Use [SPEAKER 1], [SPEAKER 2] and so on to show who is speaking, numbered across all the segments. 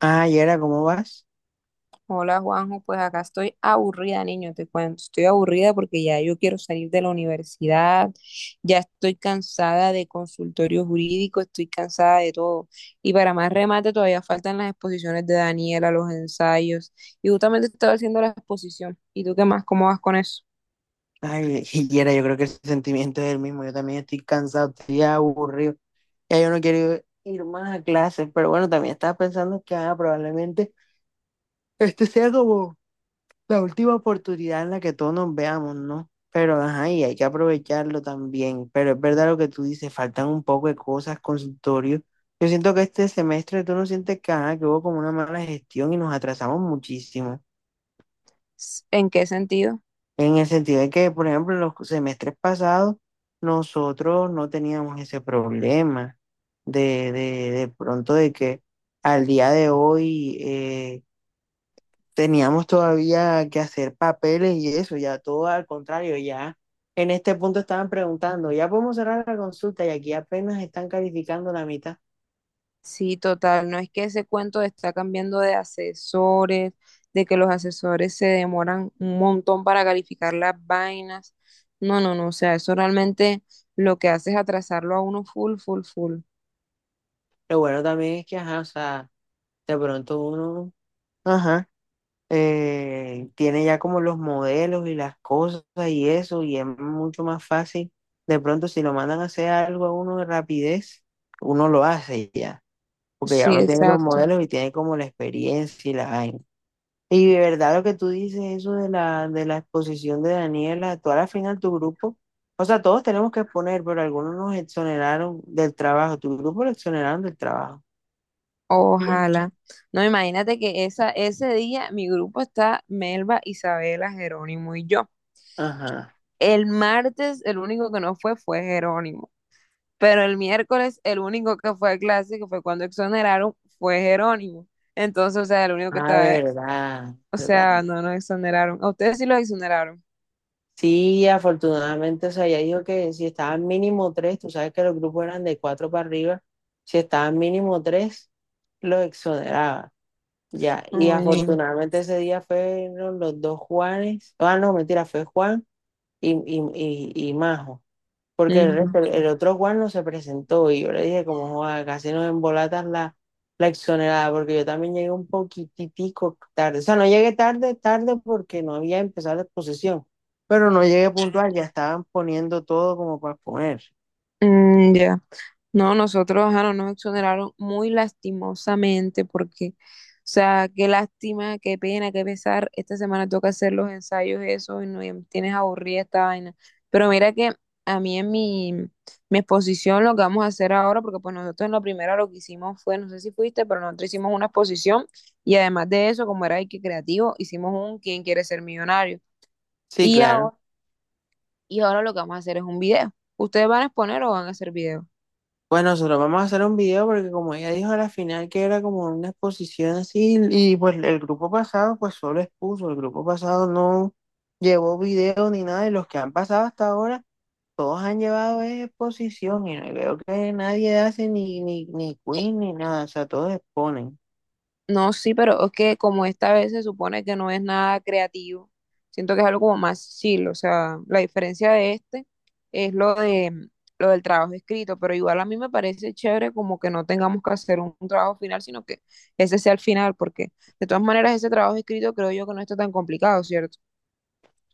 [SPEAKER 1] Ah, Yera, ¿cómo vas?
[SPEAKER 2] Hola Juanjo, pues acá estoy aburrida, niño, te cuento. Estoy aburrida porque ya yo quiero salir de la universidad, ya estoy cansada de consultorio jurídico, estoy cansada de todo. Y para más remate, todavía faltan las exposiciones de Daniela, los ensayos. Y justamente estaba haciendo la exposición. ¿Y tú qué más? ¿Cómo vas con eso?
[SPEAKER 1] Ay, Yera, yo creo que el sentimiento es el mismo. Yo también estoy cansado, estoy aburrido. Ya yo no quiero ir más a clases, pero bueno, también estaba pensando que probablemente este sea como la última oportunidad en la que todos nos veamos, ¿no? Pero ajá, y hay que aprovecharlo también. Pero es verdad lo que tú dices, faltan un poco de cosas, consultorios. Yo siento que este semestre tú no sientes que, ajá, que hubo como una mala gestión y nos atrasamos muchísimo.
[SPEAKER 2] ¿En qué sentido?
[SPEAKER 1] En el sentido de que, por ejemplo, en los semestres pasados, nosotros no teníamos ese problema de pronto de que al día de hoy teníamos todavía que hacer papeles y eso, ya todo al contrario, ya en este punto estaban preguntando, ya podemos cerrar la consulta y aquí apenas están calificando la mitad.
[SPEAKER 2] Sí, total, no es que ese cuento de está cambiando de asesores, de que los asesores se demoran un montón para calificar las vainas. No, no, no, o sea, eso realmente lo que hace es atrasarlo a uno full, full, full.
[SPEAKER 1] Lo bueno también es que, ajá, o sea, de pronto uno, ajá. Tiene ya como los modelos y las cosas y eso, y es mucho más fácil. De pronto, si lo mandan a hacer algo a uno de rapidez, uno lo hace ya, porque ya
[SPEAKER 2] Sí,
[SPEAKER 1] uno tiene los
[SPEAKER 2] exacto.
[SPEAKER 1] modelos y tiene como la experiencia y la vaina. Y de verdad lo que tú dices, eso de la exposición de Daniela, tú a la final tu grupo, o sea, todos tenemos que exponer, pero algunos nos exoneraron del trabajo, tu grupo lo exoneraron del trabajo. Sí.
[SPEAKER 2] Ojalá. No, imagínate que esa, ese día mi grupo está Melba, Isabela, Jerónimo y yo.
[SPEAKER 1] Ajá,
[SPEAKER 2] El martes el único que no fue fue Jerónimo. Pero el miércoles, el único que fue a clase que fue cuando exoneraron, fue Jerónimo. Entonces, o sea, el único que
[SPEAKER 1] ah,
[SPEAKER 2] estaba,
[SPEAKER 1] verdad,
[SPEAKER 2] o sea,
[SPEAKER 1] verdad.
[SPEAKER 2] no nos exoneraron. A ustedes sí los exoneraron.
[SPEAKER 1] Sí, afortunadamente, o sea, ella dijo que si estaban mínimo tres, tú sabes que los grupos eran de cuatro para arriba, si estaban mínimo tres, los exoneraba. Ya, y
[SPEAKER 2] Ay.
[SPEAKER 1] afortunadamente ese día fueron los dos Juanes, ah, no, mentira, fue Juan y, y, y Majo porque el,
[SPEAKER 2] Ujú.
[SPEAKER 1] resto- el otro Juan no se presentó y yo le dije como, "Joda, casi nos embolatas la, la exonerada, porque yo también llegué un poquitico tarde, o sea, no llegué tarde, tarde porque no había empezado la exposición, pero no llegué puntual, ya estaban poniendo todo como para poner.
[SPEAKER 2] Mm, ya. No, nosotros ajá, no nos exoneraron muy lastimosamente porque, o sea, qué lástima, qué pena, qué pesar. Esta semana toca hacer los ensayos eso y no y tienes aburrida esta vaina. Pero mira que a mí en mi exposición lo que vamos a hacer ahora, porque pues nosotros en la primera lo que hicimos fue, no sé si fuiste, pero nosotros hicimos una exposición y además de eso, como era que creativo, hicimos un ¿Quién quiere ser millonario?
[SPEAKER 1] Sí,
[SPEAKER 2] Y
[SPEAKER 1] claro.
[SPEAKER 2] ahora, y ahora lo que vamos a hacer es un video. ¿Ustedes van a exponer o van a hacer video?
[SPEAKER 1] Pues nosotros vamos a hacer un video porque como ella dijo a la final que era como una exposición así y pues el grupo pasado pues solo expuso, el grupo pasado no llevó video ni nada y los que han pasado hasta ahora. Todos han llevado es exposición y no veo que nadie hace ni quiz ni nada, o sea, todos exponen.
[SPEAKER 2] No, sí, pero es que como esta vez se supone que no es nada creativo, siento que es algo como más chill, o sea, la diferencia de este es lo del trabajo escrito, pero igual a mí me parece chévere como que no tengamos que hacer un trabajo final, sino que ese sea el final, porque de todas maneras ese trabajo escrito creo yo que no está tan complicado, ¿cierto?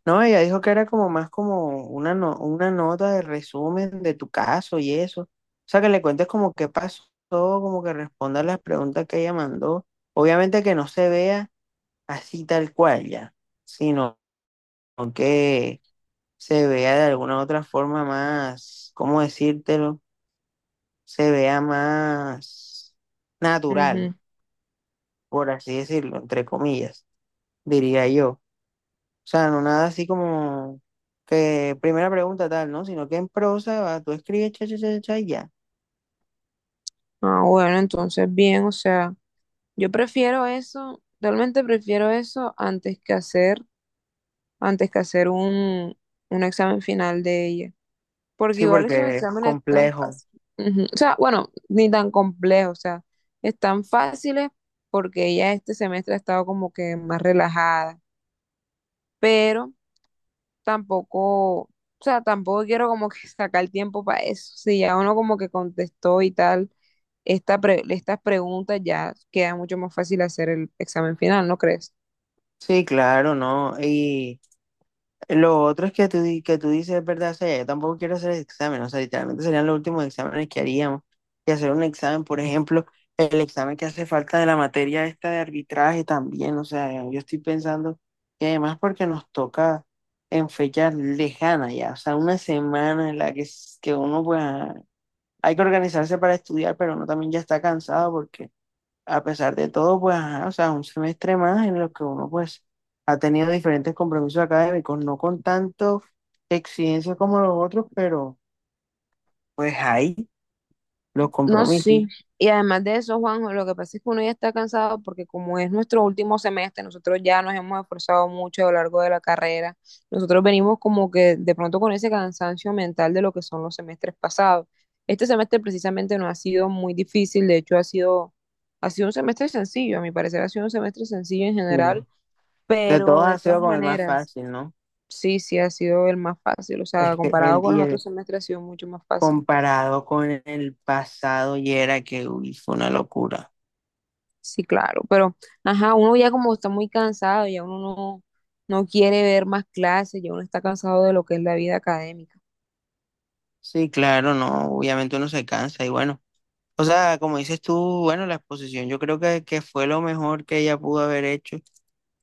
[SPEAKER 1] No, ella dijo que era como más como una, no- una nota de resumen de tu caso y eso. O sea, que le cuentes como qué pasó, como que respondas las preguntas que ella mandó. Obviamente que no se vea así tal cual ya, sino que se vea de alguna otra forma más, ¿cómo decírtelo? Se vea más natural.
[SPEAKER 2] Ujú.
[SPEAKER 1] Por así decirlo, entre comillas, diría yo. O sea, no nada así como que primera pregunta tal, ¿no? Sino que en prosa va, tú escribes cha, cha, cha, cha, y ya.
[SPEAKER 2] Ah, bueno, entonces bien, o sea, yo prefiero eso, realmente prefiero eso antes que hacer un examen final de ella. Porque
[SPEAKER 1] Sí,
[SPEAKER 2] igual esos
[SPEAKER 1] porque es
[SPEAKER 2] exámenes tan
[SPEAKER 1] complejo.
[SPEAKER 2] fáciles. Ujú. O sea, bueno, ni tan complejos, o sea, están fáciles porque ella este semestre ha estado como que más relajada, pero tampoco, o sea, tampoco quiero como que sacar tiempo para eso. Si ya uno como que contestó y tal, estas preguntas ya queda mucho más fácil hacer el examen final, ¿no crees?
[SPEAKER 1] Sí, claro, ¿no? Y lo otro es que tú, di- que tú dices, es verdad, o sea, yo tampoco quiero hacer examen, o sea, literalmente serían los últimos exámenes que haríamos. Y hacer un examen, por ejemplo, el examen que hace falta de la materia esta de arbitraje también, o sea, yo estoy pensando, y además porque nos toca en fechas lejanas ya, o sea, una semana en la que, s- que uno pues hay que organizarse para estudiar, pero uno también ya está cansado porque a pesar de todo, pues, ajá, o sea, un semestre más en lo que uno, pues, ha tenido diferentes compromisos académicos, no con tanto exigencia como los otros, pero, pues, hay los
[SPEAKER 2] No,
[SPEAKER 1] compromisos.
[SPEAKER 2] sí. Y además de eso, Juanjo, lo que pasa es que uno ya está cansado porque como es nuestro último semestre, nosotros ya nos hemos esforzado mucho a lo largo de la carrera. Nosotros venimos como que de pronto con ese cansancio mental de lo que son los semestres pasados. Este semestre precisamente no ha sido muy difícil, de hecho ha sido un semestre sencillo, a mi parecer ha sido un semestre sencillo en
[SPEAKER 1] eh,
[SPEAKER 2] general,
[SPEAKER 1] De todos
[SPEAKER 2] pero de
[SPEAKER 1] ha sido
[SPEAKER 2] todas
[SPEAKER 1] como el más
[SPEAKER 2] maneras,
[SPEAKER 1] fácil, ¿no?
[SPEAKER 2] sí, sí ha sido el más fácil, o sea,
[SPEAKER 1] Es que el,
[SPEAKER 2] comparado con
[SPEAKER 1] y
[SPEAKER 2] los
[SPEAKER 1] el
[SPEAKER 2] otros semestres ha sido mucho más fácil.
[SPEAKER 1] comparado con el pasado y era que, uy, fue una locura.
[SPEAKER 2] Sí, claro, pero, ajá, uno ya como está muy cansado, ya uno no, no quiere ver más clases, ya uno está cansado de lo que es la vida académica.
[SPEAKER 1] Sí, claro, no, obviamente uno se cansa y bueno. O sea, como dices tú, bueno, la exposición yo creo que fue lo mejor que ella pudo haber hecho.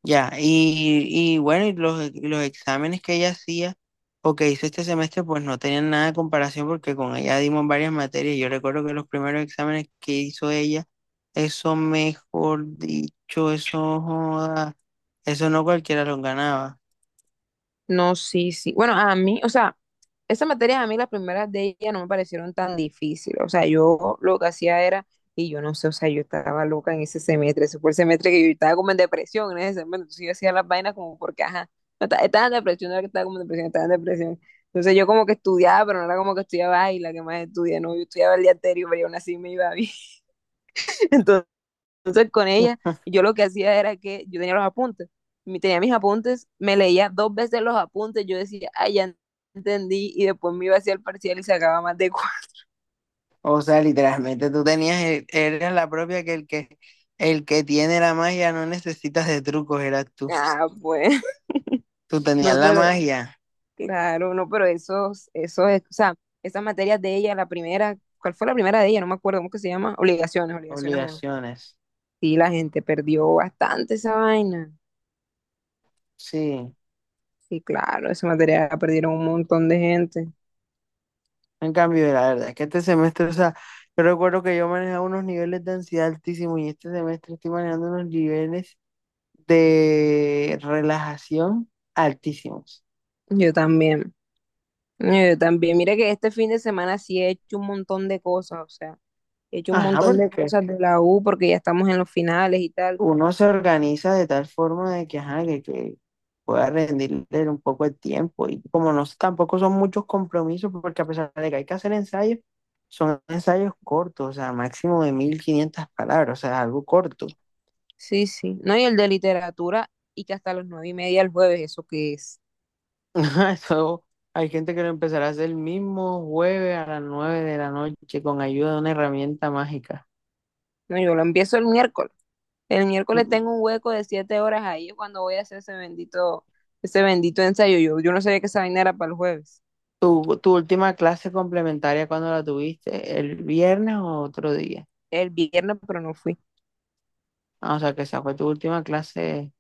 [SPEAKER 1] Ya, y bueno, y los exámenes que ella hacía o que hizo este semestre, pues no tenían nada de comparación porque con ella dimos varias materias. Yo recuerdo que los primeros exámenes que hizo ella, eso mejor dicho, eso, joda, eso no cualquiera los ganaba.
[SPEAKER 2] No, sí, sí. Bueno, a mí, o sea, esas materias a mí, las primeras de ella no me parecieron tan difíciles. O sea, yo lo que hacía era, y yo no sé, o sea, yo estaba loca en ese semestre. Ese fue el semestre que yo estaba como en depresión en ese semestre. Entonces yo hacía las vainas como porque, ajá, no, ta- estaba en depresión, no era que estaba como en depresión, estaba en depresión. Entonces yo como que estudiaba, pero no era como que estudiaba, ay, la que más estudia, no, yo estudiaba el día anterior, pero yo aún así me iba bien. Entonces con ella, yo lo que hacía era que yo tenía los apuntes, tenía mis apuntes, me leía dos veces los apuntes, yo decía, ay, ya entendí, y después me iba hacia el parcial y sacaba más de cuatro.
[SPEAKER 1] O sea, literalmente tú tenías, el- eras la propia que el que, el que tiene la magia no necesitas de trucos, eras tú.
[SPEAKER 2] Ah, pues,
[SPEAKER 1] Tú tenías
[SPEAKER 2] no,
[SPEAKER 1] la
[SPEAKER 2] pero,
[SPEAKER 1] magia,
[SPEAKER 2] claro, no, pero esos, o sea, esas materias de ella, la primera, ¿cuál fue la primera de ella? No me acuerdo, ¿cómo que se llama? Obligaciones, obligaciones uno.
[SPEAKER 1] obligaciones.
[SPEAKER 2] Sí, la gente perdió bastante esa vaina.
[SPEAKER 1] Sí.
[SPEAKER 2] Sí, claro, esa materia la perdieron un montón de gente.
[SPEAKER 1] En cambio, la verdad es que este semestre, o sea, yo recuerdo que yo manejaba unos niveles de ansiedad altísimos y este semestre estoy manejando unos niveles de relajación altísimos.
[SPEAKER 2] Yo también. No, yo también, mira que este fin de semana sí he hecho un montón de cosas, o sea, he hecho un
[SPEAKER 1] Ajá,
[SPEAKER 2] montón de
[SPEAKER 1] porque
[SPEAKER 2] cosas de la U porque ya estamos en los finales y tal.
[SPEAKER 1] uno se organiza de tal forma de que, ajá, que pueda rendirle un poco el tiempo y como no, s- tampoco son muchos compromisos, porque a pesar de que hay que hacer ensayos, son ensayos cortos, o sea, máximo de 1.500 palabras, o sea, algo corto.
[SPEAKER 2] Sí, sí. No, y el de literatura y que hasta las 9:30 el jueves, ¿eso qué es?
[SPEAKER 1] Ajá, eso, hay gente que lo empezará a hacer el mismo jueves a las 9 de la noche con ayuda de una herramienta mágica.
[SPEAKER 2] No, yo lo empiezo el miércoles. El miércoles tengo un hueco de 7 horas ahí cuando voy a hacer ese bendito ensayo. Yo no sabía que esa vaina era para el jueves.
[SPEAKER 1] ¿Tu, tu última clase complementaria cuando la tuviste? ¿El viernes o otro día?
[SPEAKER 2] El viernes, pero no fui.
[SPEAKER 1] Ah, o sea, que esa fue tu última clase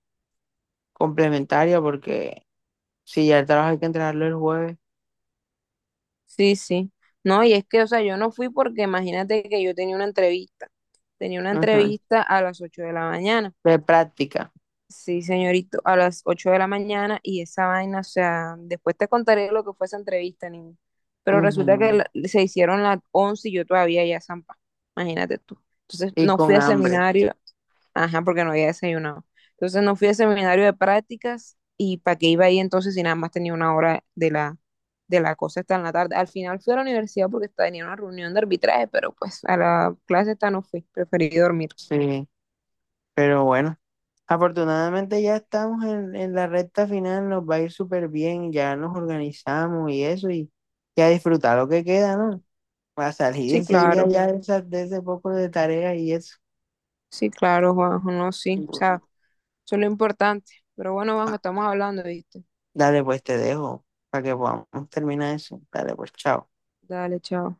[SPEAKER 1] complementaria porque si ya el trabajo hay que entregarlo el jueves.
[SPEAKER 2] Sí, sí. No, y es que, o sea, yo no fui porque imagínate que yo tenía una entrevista. Tenía una
[SPEAKER 1] Ujú.
[SPEAKER 2] entrevista a las 8 de la mañana.
[SPEAKER 1] De práctica.
[SPEAKER 2] Sí, señorito, a las 8 de la mañana y esa vaina, o sea, después te contaré lo que fue esa entrevista, niño. Pero resulta que
[SPEAKER 1] Ujú.
[SPEAKER 2] se hicieron las 11 y yo todavía ya zampa, imagínate tú. Entonces
[SPEAKER 1] Y
[SPEAKER 2] no
[SPEAKER 1] con
[SPEAKER 2] fui al
[SPEAKER 1] hambre.
[SPEAKER 2] seminario, ajá, porque no había desayunado. Entonces no fui al seminario de prácticas y para qué iba ahí entonces si nada más tenía una hora de la cosa hasta en la tarde. Al final fui a la universidad porque tenía una reunión de arbitraje, pero pues a la clase esta no fui, preferí dormir.
[SPEAKER 1] Sí, pero bueno. Afortunadamente ya estamos en la recta final, nos va a ir súper bien, ya nos organizamos y eso, y, ya disfrutar lo que queda, ¿no? A salir
[SPEAKER 2] Sí,
[SPEAKER 1] enseguida
[SPEAKER 2] claro.
[SPEAKER 1] ya de, esa- de ese poco de tarea y eso.
[SPEAKER 2] Sí, claro, Juanjo, no, sí, o sea, eso es lo importante. Pero bueno, Juanjo,
[SPEAKER 1] Ah,
[SPEAKER 2] estamos hablando, ¿viste?
[SPEAKER 1] dale, pues te dejo para que podamos terminar eso. Dale, pues chao.
[SPEAKER 2] Dale, chao.